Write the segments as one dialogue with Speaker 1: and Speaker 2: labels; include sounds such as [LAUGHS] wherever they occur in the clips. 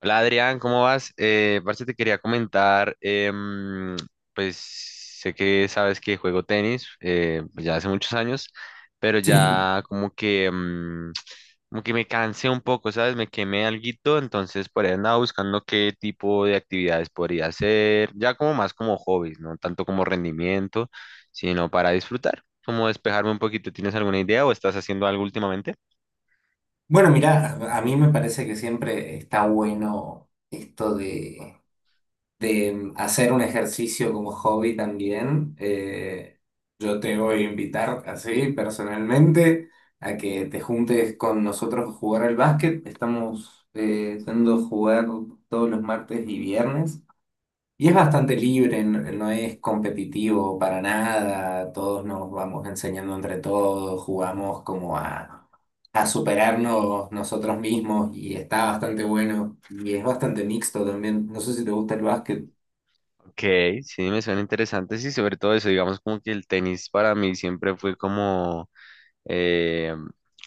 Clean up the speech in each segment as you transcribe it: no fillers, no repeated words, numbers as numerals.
Speaker 1: Hola Adrián, ¿cómo vas? Parce, te quería comentar. Pues sé que sabes que juego tenis pues, ya hace muchos años, pero
Speaker 2: Sí,
Speaker 1: ya como que, como que me cansé un poco, ¿sabes? Me quemé alguito, entonces por ahí andaba buscando qué tipo de actividades podría hacer, ya como más como hobbies, no tanto como rendimiento, sino para disfrutar, como despejarme un poquito. ¿Tienes alguna idea o estás haciendo algo últimamente?
Speaker 2: bueno, mira, a mí me parece que siempre está bueno esto de hacer un ejercicio como hobby también. Yo te voy a invitar así personalmente a que te juntes con nosotros a jugar al básquet. Estamos yendo a jugar todos los martes y viernes. Y es bastante libre, no es competitivo para nada, todos nos vamos enseñando entre todos, jugamos como a superarnos nosotros mismos, y está bastante bueno y es bastante mixto también. No sé si te gusta el básquet.
Speaker 1: Ok, sí, me suena interesante, sí, sobre todo eso, digamos como que el tenis para mí siempre fue como, eh,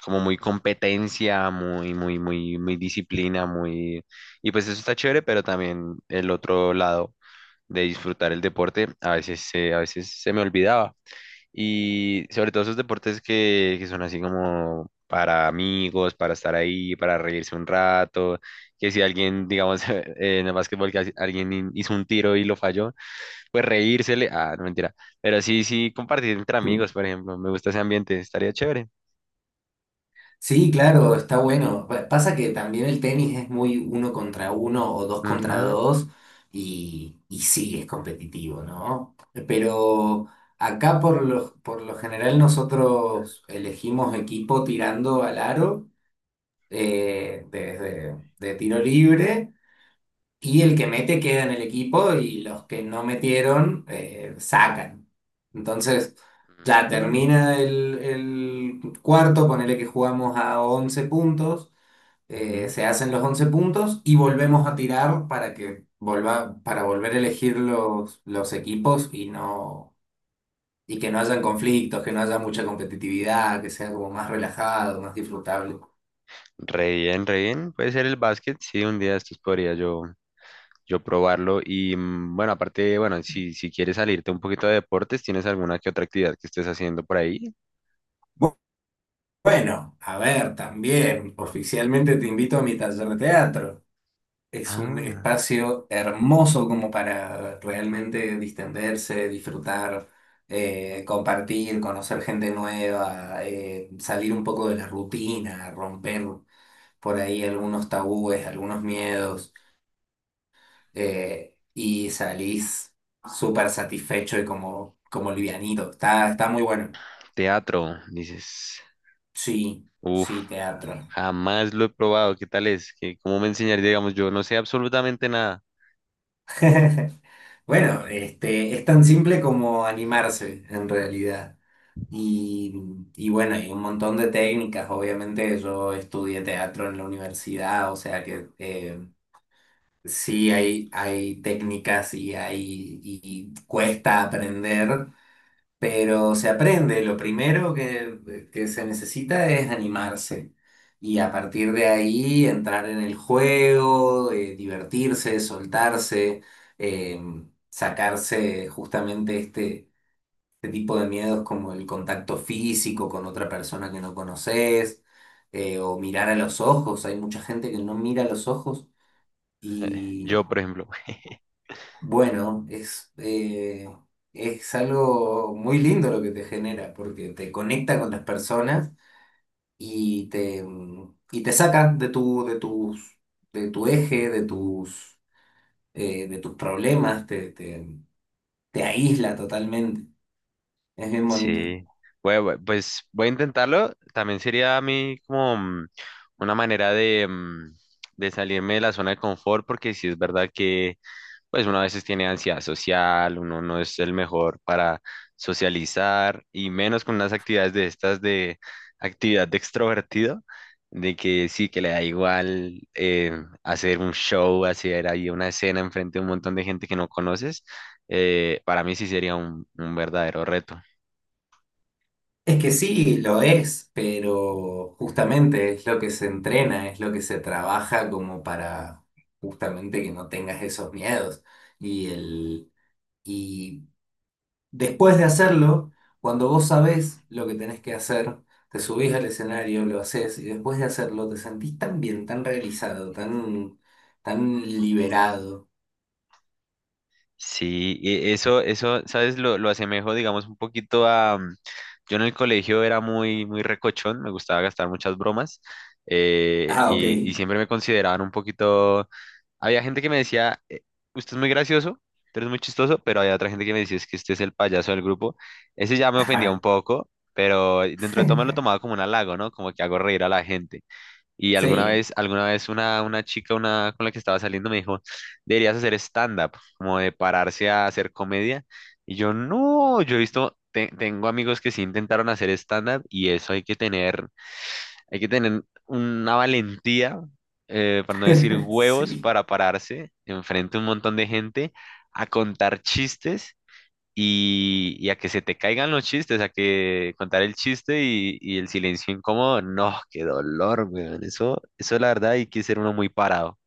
Speaker 1: como muy competencia, muy, muy, muy disciplina, muy, y pues eso está chévere, pero también el otro lado de disfrutar el deporte, a veces, a veces se me olvidaba, y sobre todo esos deportes que son así como para amigos, para estar ahí, para reírse un rato, que si alguien, digamos, [LAUGHS] en el básquetbol, que alguien hizo un tiro y lo falló, pues reírsele. Ah, no mentira. Pero sí, sí, compartir entre amigos, por ejemplo. Me gusta ese ambiente, estaría chévere.
Speaker 2: Sí, claro, está bueno. Pasa que también el tenis es muy uno contra uno o dos contra
Speaker 1: Ujú,
Speaker 2: dos y sí, es competitivo, ¿no? Pero acá por lo general nosotros elegimos equipo tirando al aro, desde de tiro libre, y el que mete queda en el equipo y los que no metieron sacan. Entonces, ya
Speaker 1: ujú,
Speaker 2: termina el cuarto, ponele que jugamos a 11 puntos,
Speaker 1: ujú.
Speaker 2: se hacen los 11 puntos y volvemos a tirar para que para volver a elegir los equipos y no, y que no hayan conflictos, que no haya mucha competitividad, que sea como más relajado, más disfrutable.
Speaker 1: Re bien, re bien. Puede ser el básquet, sí, un día de estos yo probarlo. Y mm, bueno, aparte, bueno, si, si quieres salirte un poquito de deportes, ¿tienes alguna que otra actividad que estés haciendo por ahí?
Speaker 2: Bu- Bueno, a ver, también, oficialmente te invito a mi taller de teatro. Es un
Speaker 1: Ah,
Speaker 2: espacio hermoso como para realmente distenderse, disfrutar, compartir, conocer gente nueva, salir un poco de la rutina, romper por ahí algunos tabúes, algunos miedos, y salís súper satisfecho y como livianito. Está muy bueno.
Speaker 1: teatro, dices.
Speaker 2: Sí,
Speaker 1: Uf,
Speaker 2: sí, teatro.
Speaker 1: jamás lo he probado. ¿Qué tal es? ¿Cómo me enseñaría? Digamos, yo no sé absolutamente nada. [LAUGHS]
Speaker 2: [LAUGHS] Bueno, este, es tan simple como animarse en realidad. Y, y bueno, hay un montón de técnicas. Obviamente yo estudié teatro en la universidad, o sea que sí hay técnicas y, hay, y cuesta aprender, pero se aprende. Lo primero que se necesita es animarse, y a partir de ahí entrar en el juego, divertirse, soltarse, eh, sacarse justamente este tipo de miedos, como el contacto físico con otra persona que no conoces, o mirar a los ojos. Hay mucha gente que no mira a los ojos.
Speaker 1: Yo, por ejemplo. [LAUGHS]
Speaker 2: Bueno, es algo muy lindo lo que te genera, porque te conecta con las personas y y te saca de tus, de tu eje, de tus problemas, te aísla totalmente. Es bien bonito.
Speaker 1: Sí, bueno, bueno, pues voy a intentarlo. También sería a mí como mm, una manera de, mm, de salirme de la zona de confort, porque sí es verdad que pues uno a veces tiene ansiedad social, uno no es el mejor para socializar y menos con unas actividades de estas de actividad de extrovertido, de que sí, que le da igual hacer un show, hacer ahí una escena enfrente de un montón de gente que no conoces. Para mí sí sería un verdadero reto.
Speaker 2: Es que sí, lo es, pero justamente es lo que se entrena, es lo que se trabaja como para justamente que no tengas esos miedos. Y el. Y Después de hacerlo, cuando vos sabés lo que tenés que hacer, te subís al escenario, lo haces, y después de hacerlo te sentís tan bien, tan realizado, tan, tan liberado.
Speaker 1: Sí, y eso, ¿sabes? Lo asemejo, digamos, un poquito a mm, yo en el colegio era muy, muy recochón, me gustaba gastar muchas bromas
Speaker 2: Ah, ok.
Speaker 1: y siempre me consideraban un poquito... Había gente que me decía, usted es muy gracioso, usted es muy chistoso", pero había otra gente que me decía, es que usted es el payaso del grupo. Ese ya me ofendía un
Speaker 2: Ajá.
Speaker 1: poco, pero dentro de todo me lo tomaba
Speaker 2: [LAUGHS]
Speaker 1: como un halago, ¿no? Como que hago reír a la gente. Y alguna
Speaker 2: Sí,
Speaker 1: vez, alguna una chica una, con la que estaba saliendo me dijo, deberías hacer stand-up, como de pararse a hacer comedia. Y yo, no, yo he visto, tengo amigos que sí intentaron hacer stand-up y eso hay que hay que tener una valentía, para no decir
Speaker 2: [LAUGHS]
Speaker 1: huevos,
Speaker 2: sí.
Speaker 1: para pararse enfrente a un montón de gente a contar chistes y a que se te caigan los chistes, a que contar el chiste y el silencio incómodo, no, qué dolor, weón. Eso la verdad hay que ser uno muy parado.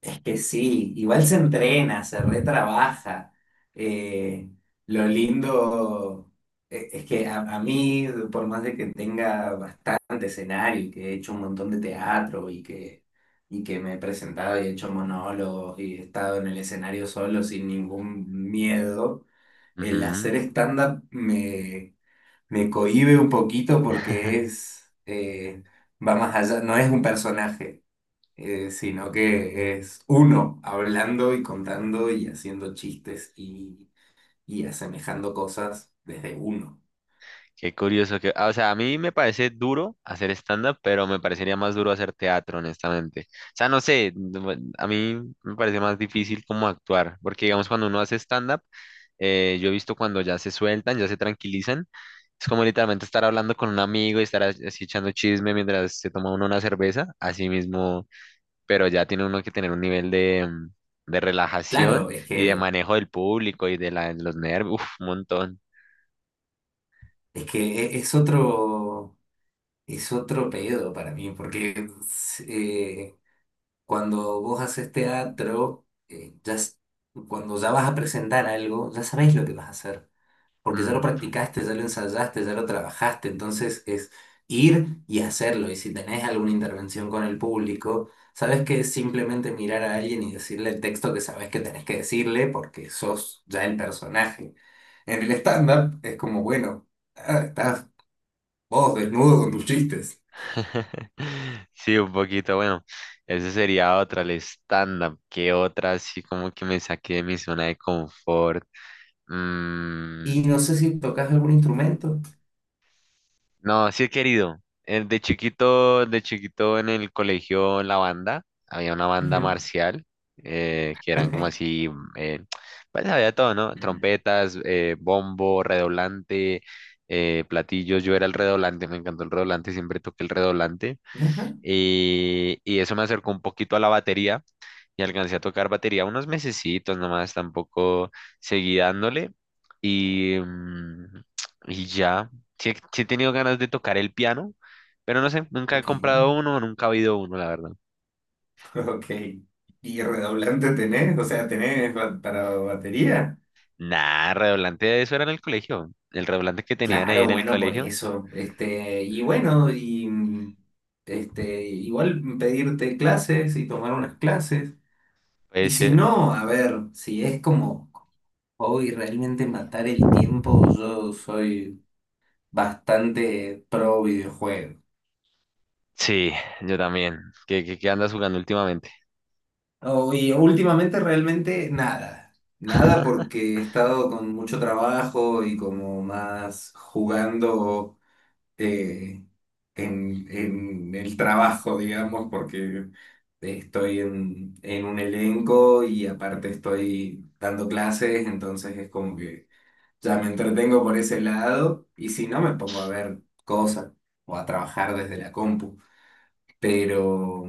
Speaker 2: Es que sí, igual se entrena, se retrabaja. Eh, lo lindo es que a mí, por más de que tenga bastante escenario y que he hecho un montón de teatro y que me he presentado y he hecho monólogos y he estado en el escenario solo sin ningún miedo, el
Speaker 1: Ujú.
Speaker 2: hacer stand-up me cohíbe un poquito porque
Speaker 1: [LAUGHS]
Speaker 2: es, va más allá, no es un personaje, sino que es uno hablando y contando y haciendo chistes, y asemejando cosas desde uno.
Speaker 1: Qué curioso que, ah, o sea, a mí me parece duro hacer stand-up, pero me parecería más duro hacer teatro, honestamente. O sea, no sé, no, a mí me parece más difícil como actuar, porque digamos cuando uno hace stand-up, yo he visto cuando ya se sueltan, ya se tranquilizan. Es como literalmente estar hablando con un amigo y estar así echando chisme mientras se toma uno una cerveza, así mismo, pero ya tiene uno que tener un nivel de, mm, de
Speaker 2: Claro,
Speaker 1: relajación
Speaker 2: es
Speaker 1: y de
Speaker 2: que,
Speaker 1: manejo del público y de los nervios, uf, un montón.
Speaker 2: es que e- es otro, es otro pedo para mí, porque eh, cuando vos haces teatro, cuando ya vas a presentar algo, ya sabés lo que vas a hacer, porque ya lo
Speaker 1: Mm.
Speaker 2: practicaste, ya lo ensayaste, ya lo trabajaste. Entonces es ir y hacerlo. Y si tenés alguna intervención con el público, sabes que es simplemente mirar a alguien y decirle el texto que sabes que tenés que decirle porque sos ya el personaje. En el stand-up es como, bueno, ah, estás vos desnudo con tus chistes.
Speaker 1: [LAUGHS] Sí, un poquito, bueno, esa sería otra, el stand-up, ¿qué otra así como que me saqué de mi zona de confort? Mm,
Speaker 2: Y no sé si tocas algún instrumento.
Speaker 1: no, sí he querido. De chiquito en el colegio, la banda, había una banda
Speaker 2: Ujú.
Speaker 1: marcial, que eran como
Speaker 2: [LAUGHS]
Speaker 1: así, mm, pues había todo, ¿no? Trompetas, bombo, redoblante, platillos. Yo era el redoblante, me encantó el redoblante, siempre toqué el redoblante.
Speaker 2: Ajá,
Speaker 1: Y eso me acercó un poquito a la batería y alcancé a tocar batería unos mesecitos nomás, tampoco seguí dándole y, mm, y ya, sí he tenido ganas de tocar el piano, pero no sé, nunca he
Speaker 2: ok,
Speaker 1: comprado
Speaker 2: [LAUGHS]
Speaker 1: uno, nunca he oído uno, la verdad.
Speaker 2: ok. ¿Y redoblante tenés? O sea, ¿tenés para batería?
Speaker 1: Nah, redoblante de eso era en el colegio, el redoblante que tenían ahí en
Speaker 2: Claro,
Speaker 1: el
Speaker 2: bueno, por
Speaker 1: colegio,
Speaker 2: eso. Este, y bueno, este, igual pedirte clases y tomar unas clases. Y si
Speaker 1: ese,
Speaker 2: no, a ver, si es como hoy realmente matar el tiempo, yo soy bastante pro videojuego.
Speaker 1: sí, yo también, ¿qué, qué, qué andas jugando últimamente?
Speaker 2: Oh, y últimamente realmente nada. Nada
Speaker 1: [LAUGHS]
Speaker 2: porque he estado con mucho trabajo y como más jugando eh, en el trabajo, digamos, porque estoy en un elenco y aparte estoy dando clases, entonces es como que ya me entretengo por ese lado, y si no me pongo a ver cosas o a trabajar desde la compu, pero,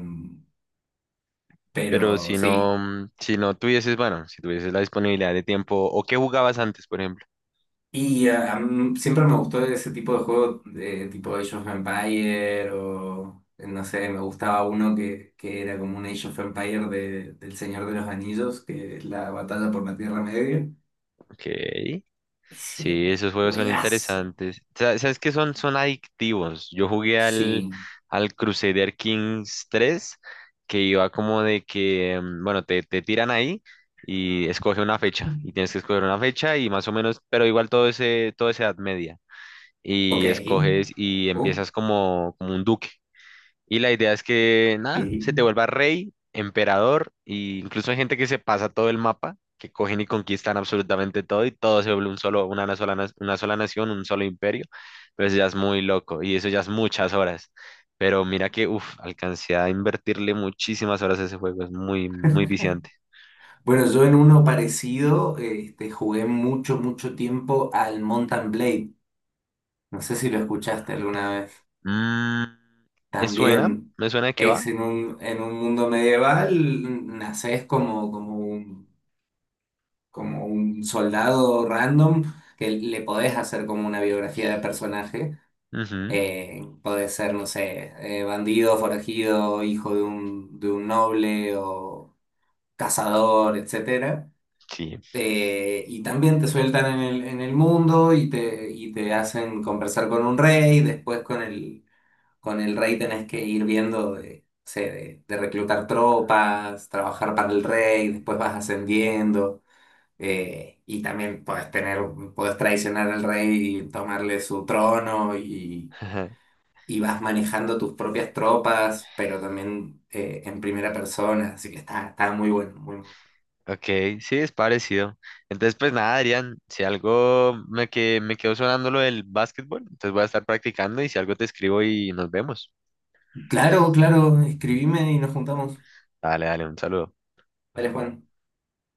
Speaker 1: Pero
Speaker 2: pero
Speaker 1: si no,
Speaker 2: sí.
Speaker 1: mm, si no tuvieses, bueno, si tuvieses la disponibilidad de tiempo, ¿o qué jugabas antes, por ejemplo?
Speaker 2: Y ah, a mí siempre me gustó ese tipo de juego, de tipo Age of Empire o no sé, me gustaba uno que era como un Age of Empire del Señor de los Anillos, que es la batalla por la Tierra Media.
Speaker 1: Ok.
Speaker 2: Ese era
Speaker 1: Sí,
Speaker 2: un
Speaker 1: esos juegos son
Speaker 2: juegazo.
Speaker 1: interesantes. ¿Sabes qué son? Son adictivos. Yo jugué
Speaker 2: Sí.
Speaker 1: al Crusader Kings 3, que iba como de que, mm, bueno, te tiran ahí y escoge una fecha. Y tienes que escoger una fecha y más o menos, pero igual todo ese, todo esa edad media.
Speaker 2: Ok.
Speaker 1: Y escoges y
Speaker 2: Ok.
Speaker 1: empiezas como, como un duque. Y la idea es que, nada, se te vuelva rey, emperador, e incluso hay gente que se pasa todo el mapa, que cogen y conquistan absolutamente todo y todo se vuelve un solo, una, sola, una sola nación, un solo imperio. Pero eso ya es muy loco y eso ya es muchas horas. Pero mira que, uff, alcancé a invertirle muchísimas horas a ese juego, es muy, muy viciante.
Speaker 2: Bueno, yo en uno parecido este, jugué mucho, mucho tiempo al Mountain Blade. No sé si lo escuchaste alguna vez.
Speaker 1: Mm, me suena,
Speaker 2: También
Speaker 1: me suena de qué
Speaker 2: es
Speaker 1: va.
Speaker 2: en un mundo medieval, naces como un soldado random que le podés hacer como una biografía de personaje.
Speaker 1: Ujú,
Speaker 2: Podés ser, no sé, bandido, forajido, hijo de un noble o cazador, etcétera.
Speaker 1: sí.
Speaker 2: Y también te sueltan en el mundo, y y te hacen conversar con un rey, después con el rey tenés que ir viendo de, no sé, de reclutar tropas, trabajar para el rey, después vas ascendiendo. Y también podés traicionar al rey y tomarle su trono, y,
Speaker 1: [LAUGHS]
Speaker 2: y vas manejando tus propias tropas, pero también en primera persona. Así que está muy bueno, muy bueno.
Speaker 1: Ok, sí, es parecido. Entonces, pues nada, Adrián, si algo me quedó sonando lo del básquetbol, entonces voy a estar practicando y si algo te escribo y nos vemos.
Speaker 2: Claro, claro, escribime y nos juntamos.
Speaker 1: Dale, dale, un saludo.
Speaker 2: Vale, Juan.